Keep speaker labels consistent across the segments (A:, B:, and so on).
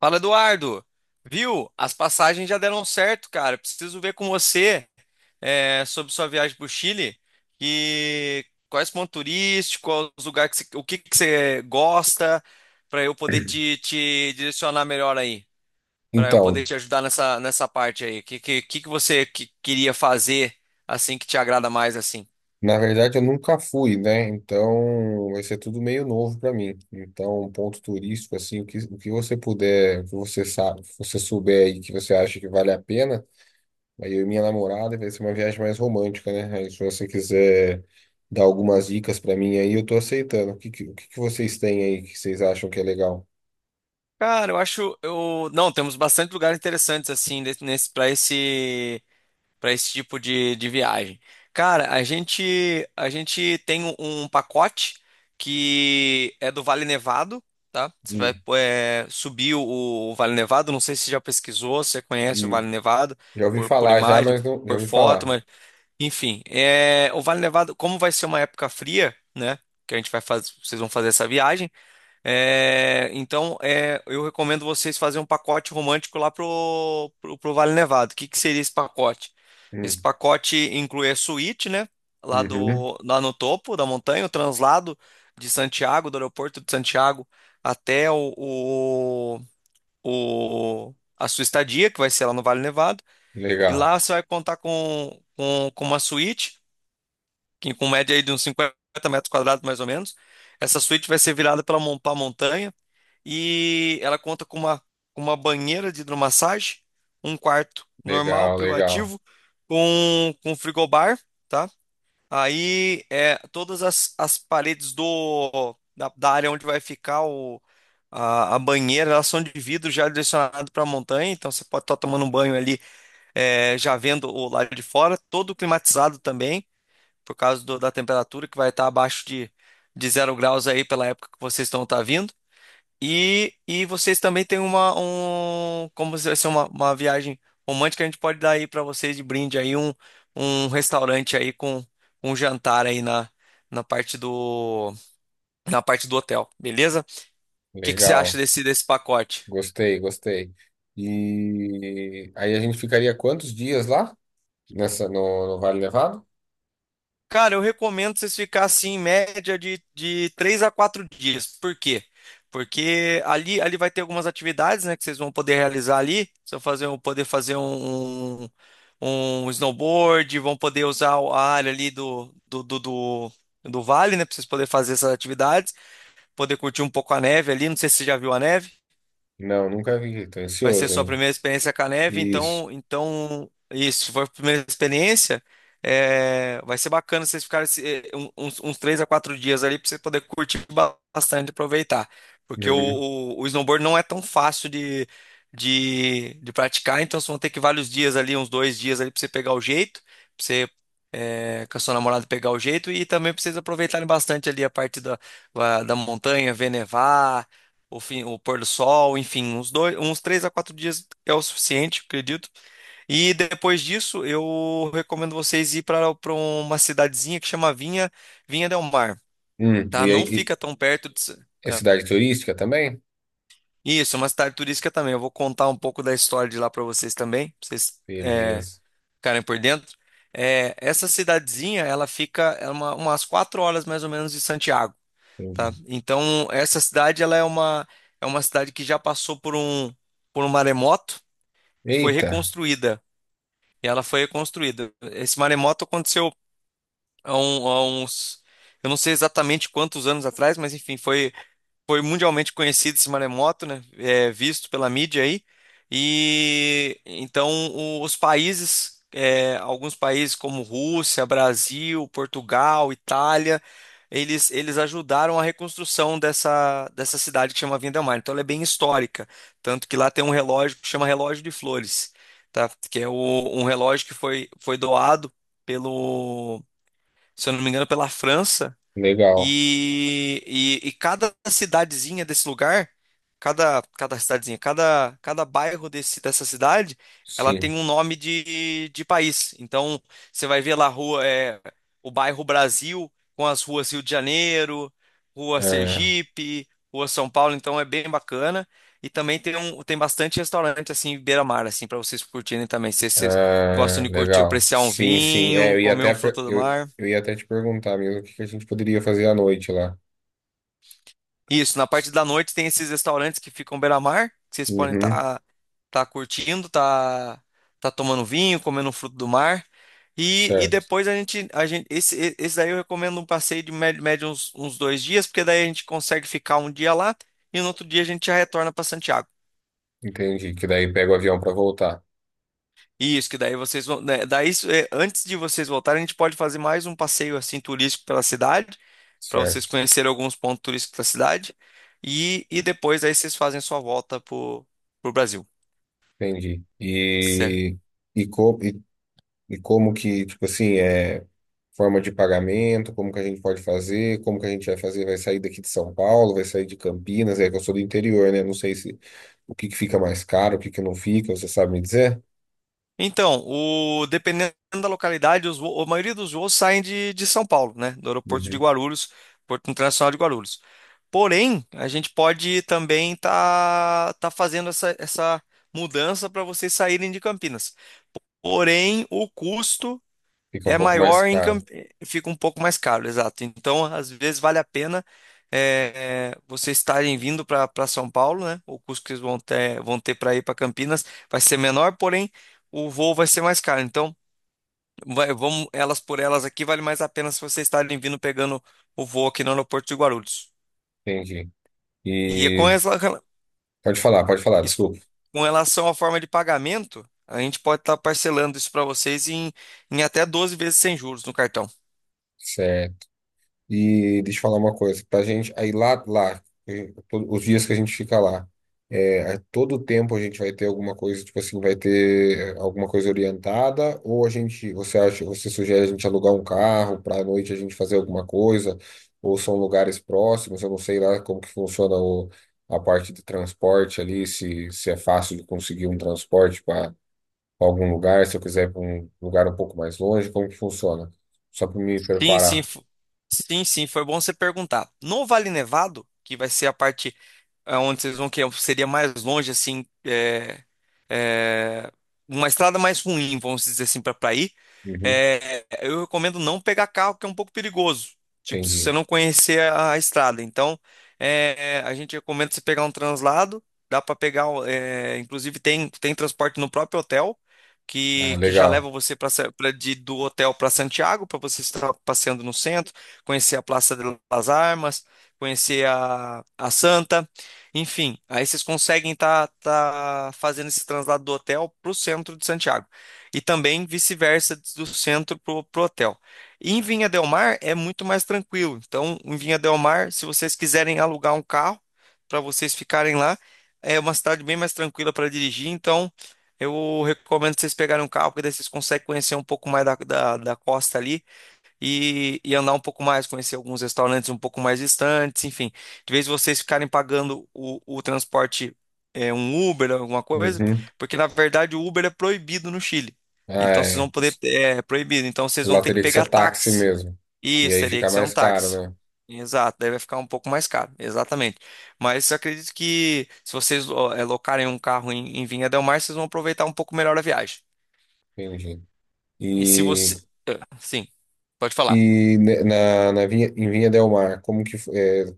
A: Fala, Eduardo. Viu? As passagens já deram certo, cara. Preciso ver com você sobre sua viagem para o Chile. E quais pontos turísticos, quais os lugares que o que que você gosta, para eu poder te direcionar melhor aí, para eu
B: Então,
A: poder te ajudar nessa parte aí. O que você queria fazer assim que te agrada mais assim?
B: na verdade eu nunca fui, né? Então vai ser tudo meio novo para mim. Então, um ponto turístico, assim, o que você puder, o que você sabe, se você souber aí que você acha que vale a pena, aí eu e minha namorada vai ser uma viagem mais romântica, né? Aí se você quiser dar algumas dicas para mim aí, eu tô aceitando. O que que vocês têm aí que vocês acham que é legal?
A: Cara, eu acho eu não temos bastante lugares interessantes assim para esse para esse tipo de viagem. Cara, a gente tem um pacote que é do Vale Nevado, tá? Você vai
B: Hum,
A: subir o Vale Nevado. Não sei se você já pesquisou, se você conhece o Vale
B: hum.
A: Nevado
B: Já ouvi
A: por
B: falar já,
A: imagem,
B: mas não, já
A: por
B: ouvi
A: foto,
B: falar.
A: mas enfim, o Vale Nevado, como vai ser uma época fria, né? Que a gente vai fazer, vocês vão fazer essa viagem. Então, eu recomendo vocês fazerem um pacote romântico lá pro Vale Nevado. O que que seria esse pacote? Esse
B: Hum,
A: pacote inclui a suíte, né? Lá,
B: uhum.
A: do, lá no topo da montanha, o translado de Santiago, do aeroporto de Santiago até a sua estadia, que vai ser lá no Vale Nevado. E
B: Legal,
A: lá você vai contar com uma suíte, que com média aí de uns 50 metros quadrados mais ou menos. Essa suíte vai ser virada para a montanha. E ela conta com com uma banheira de hidromassagem, um quarto normal,
B: legal, legal,
A: privativo, com frigobar, tá? Aí todas as paredes da área onde vai ficar a banheira, elas são de vidro já direcionado para a montanha, então você pode estar tomando um banho ali, já vendo o lado de fora, todo climatizado também, por causa da temperatura que vai estar abaixo de 0 graus aí pela época que vocês estão tá vindo. E vocês também têm um, como se fosse uma viagem romântica, a gente pode dar aí para vocês de brinde aí um restaurante aí com um jantar aí na parte do hotel, beleza? O que que você acha
B: legal.
A: desse pacote?
B: Gostei, gostei. E aí a gente ficaria quantos dias lá? Nessa, no, no Vale Nevado?
A: Cara, eu recomendo vocês ficar assim em média de 3 a 4 dias. Por quê? Porque ali vai ter algumas atividades, né, que vocês vão poder realizar ali. Vocês vão poder fazer um snowboard, vão poder usar a área ali do vale, né, para vocês poderem fazer essas atividades, poder curtir um pouco a neve ali. Não sei se você já viu a neve.
B: Não, nunca vi, tô
A: Vai ser
B: ansioso
A: sua
B: ainda.
A: primeira experiência com a neve,
B: Isso.
A: então, isso, se for a primeira experiência, vai ser bacana vocês ficarem uns 3 a 4 dias ali para você poder curtir bastante, aproveitar. Porque o,
B: Uhum.
A: o, o snowboard não é tão fácil de praticar, então vocês vão ter que vários dias ali, uns 2 dias ali para você pegar o jeito, para você com a sua namorada pegar o jeito e também para vocês aproveitarem bastante ali a parte da montanha, ver nevar o pôr do sol, enfim, uns dois, uns 3 a 4 dias é o suficiente, acredito. E depois disso, eu recomendo vocês ir para uma cidadezinha que chama Vinha del Mar, tá?
B: E aí,
A: Não
B: e-
A: fica tão perto de.
B: é
A: É.
B: cidade turística também?
A: Isso, é uma cidade turística também. Eu vou contar um pouco da história de lá para vocês também, pra vocês
B: Beleza,
A: ficarem por dentro. Essa cidadezinha, ela fica umas 4 horas mais ou menos de Santiago. Tá?
B: entendi.
A: Então, essa cidade ela é uma cidade que já passou por um maremoto e foi
B: Eita,
A: reconstruída. E ela foi reconstruída. Esse maremoto aconteceu há uns eu não sei exatamente quantos anos atrás, mas enfim, foi mundialmente conhecido esse maremoto, né? Visto pela mídia aí. E então os países, alguns países como Rússia, Brasil, Portugal, Itália, eles ajudaram a reconstrução dessa cidade que chama Vindelmar. Então ela é bem histórica, tanto que lá tem um relógio que chama Relógio de Flores, tá? Que é um relógio que foi doado pelo, se eu não me engano, pela França
B: legal.
A: e, e cada cidadezinha desse lugar, cada cidadezinha, cada bairro dessa cidade, ela tem
B: Sim.
A: um nome de país. Então, você vai ver lá a rua, o bairro Brasil, com as ruas Rio de Janeiro, Rua
B: Ah,
A: Sergipe, Rua São Paulo, então é bem bacana. E também tem bastante restaurante assim, beira-mar, assim, para vocês curtirem também. Se vocês gostam
B: ah,
A: de curtir,
B: legal.
A: apreciar um
B: Sim, sim. É,
A: vinho, comer um fruto do mar.
B: eu ia até te perguntar mesmo o que que a gente poderia fazer à noite lá.
A: Isso, na parte da noite tem esses restaurantes que ficam beira-mar, que vocês podem
B: Uhum,
A: estar curtindo, tá tomando vinho, comendo um fruto do mar. E
B: certo.
A: depois a gente esse, e- esse daí eu recomendo um passeio de médio uns 2 dias, porque daí a gente consegue ficar um dia lá e no outro dia a gente já retorna para Santiago.
B: Entendi. Que daí pega o avião para voltar.
A: Isso, que daí vocês vão. Né, daí, isso é, antes de vocês voltarem, a gente pode fazer mais um passeio assim turístico pela cidade, para vocês
B: Certo.
A: conhecerem alguns pontos turísticos da cidade. E depois aí vocês fazem a sua volta pro Brasil.
B: Entendi.
A: Certo.
B: E, co, e, e como que, tipo assim, é forma de pagamento, como que a gente pode fazer, como que a gente vai fazer, vai sair daqui de São Paulo, vai sair de Campinas, é que eu sou do interior, né? Não sei se o que que fica mais caro, o que que não fica, você sabe me dizer?
A: Então, dependendo da localidade, a maioria dos voos saem de São Paulo, né? Do aeroporto de
B: Uhum.
A: Guarulhos, Porto Internacional de Guarulhos. Porém, a gente pode também tá fazendo essa mudança para vocês saírem de Campinas. Porém, o custo.
B: Fica um
A: É
B: pouco mais
A: maior em
B: caro.
A: Camp- fica um pouco mais caro, exato. Então, às vezes vale a pena vocês estarem vindo para São Paulo, né? O custo que eles vão ter para ir para Campinas vai ser menor, porém o voo vai ser mais caro. Então, vamos elas por elas aqui, vale mais a pena se vocês estarem vindo pegando o voo aqui no aeroporto de Guarulhos.
B: Entendi.
A: E é com
B: E
A: essa-
B: pode falar,
A: Isso,
B: desculpa.
A: com relação à forma de pagamento, a gente pode estar parcelando isso para vocês em até 12 vezes sem juros no cartão.
B: Certo. E deixa eu falar uma coisa, pra gente, lá, os dias que a gente fica lá, é, a todo tempo a gente vai ter alguma coisa, tipo assim, vai ter alguma coisa orientada, ou a gente, você acha, você sugere a gente alugar um carro para à noite a gente fazer alguma coisa, ou são lugares próximos, eu não sei lá como que funciona o, a parte de transporte ali, se é fácil de conseguir um transporte para algum lugar, se eu quiser ir para um lugar um pouco mais longe, como que funciona? Só para me
A: Sim, sim,
B: preparar.
A: sim, sim, foi bom você perguntar. No Vale Nevado, que vai ser a parte onde vocês vão que seria mais longe, assim, é, uma estrada mais ruim, vamos dizer assim, para ir.
B: Uhum,
A: Eu recomendo não pegar carro, que é um pouco perigoso. Tipo, se
B: entendi.
A: você não conhecer a estrada. Então, a gente recomenda você pegar um translado. Dá para pegar, inclusive tem transporte no próprio hotel,
B: Ah,
A: que já
B: legal.
A: leva você pra, Sa- pra, de, do hotel para Santiago, para você estar passeando no centro, conhecer a Praça de las Armas, conhecer a Santa. Enfim, aí vocês conseguem estar fazendo esse translado do hotel para o centro de Santiago. E também vice-versa do centro para o hotel. E em Vinha del Mar é muito mais tranquilo. Então, em Vinha del Mar, se vocês quiserem alugar um carro para vocês ficarem lá, é uma cidade bem mais tranquila para dirigir. Então, eu recomendo vocês pegarem um carro, porque daí vocês conseguem conhecer um pouco mais da costa ali e andar um pouco mais, conhecer alguns restaurantes um pouco mais distantes, enfim. De vez vocês ficarem pagando o transporte, um Uber, alguma coisa,
B: Uhum.
A: porque na verdade o Uber é proibido no Chile.
B: Ah,
A: Então vocês vão
B: é.
A: poder, é proibido, então vocês vão
B: Lá
A: ter que
B: teria que
A: pegar
B: ser táxi
A: táxi.
B: mesmo. E
A: Isso,
B: aí
A: teria
B: fica
A: que ser um
B: mais caro,
A: táxi.
B: né?
A: Exato, daí vai ficar um pouco mais caro, exatamente. Mas eu acredito que se vocês ó, locarem um carro em Vinha del Mar, vocês vão aproveitar um pouco melhor a viagem.
B: Entendi.
A: E se
B: E,
A: você. Ah, sim, pode falar.
B: na Vinha, em Vinha Del Mar, é,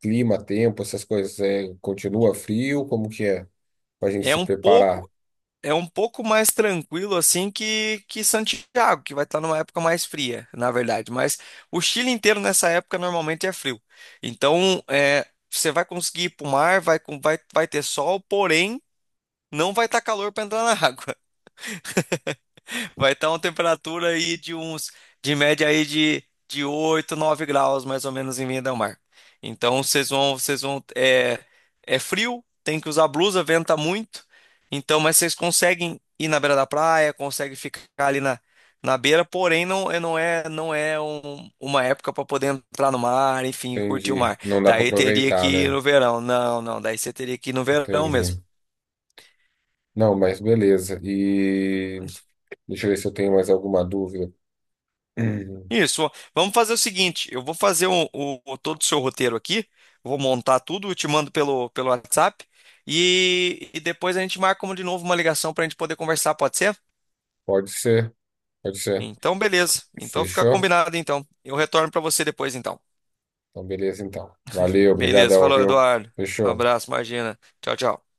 B: clima, tempo, essas coisas, é, continua frio? Como que é? Pra gente
A: É
B: se
A: um
B: preparar.
A: pouco. É um pouco mais tranquilo assim que Santiago, que vai estar numa época mais fria, na verdade. Mas o Chile inteiro nessa época normalmente é frio. Então, você vai conseguir ir para o mar, vai ter sol, porém não vai estar calor para entrar na água. Vai estar uma temperatura aí de média aí de 8 9 graus, mais ou menos, em Vinha del Mar. Então, é frio, tem que usar blusa, venta muito. Então, mas vocês conseguem ir na beira da praia, conseguem ficar ali na beira, porém, não, não é uma época para poder entrar no mar, enfim, curtir o
B: Entendi.
A: mar.
B: Não dá pra
A: Daí teria
B: aproveitar,
A: que ir
B: né?
A: no verão. Não, não, daí você teria que ir no verão mesmo.
B: Entendi. Não, mas beleza. E deixa eu ver se eu tenho mais alguma dúvida. Hum.
A: Isso. Ó. Vamos fazer o seguinte: eu vou fazer todo o seu roteiro aqui, vou montar tudo, eu te mando pelo WhatsApp e depois a gente marca de novo uma ligação para a gente poder conversar, pode ser?
B: Pode ser, pode ser.
A: Então, beleza. Então fica
B: Fechou?
A: combinado, então. Eu retorno para você depois, então.
B: Então, beleza, então. Valeu,
A: Beleza.
B: obrigadão,
A: Falou,
B: viu?
A: Eduardo.
B: Fechou.
A: Abraço, imagina. Tchau, tchau.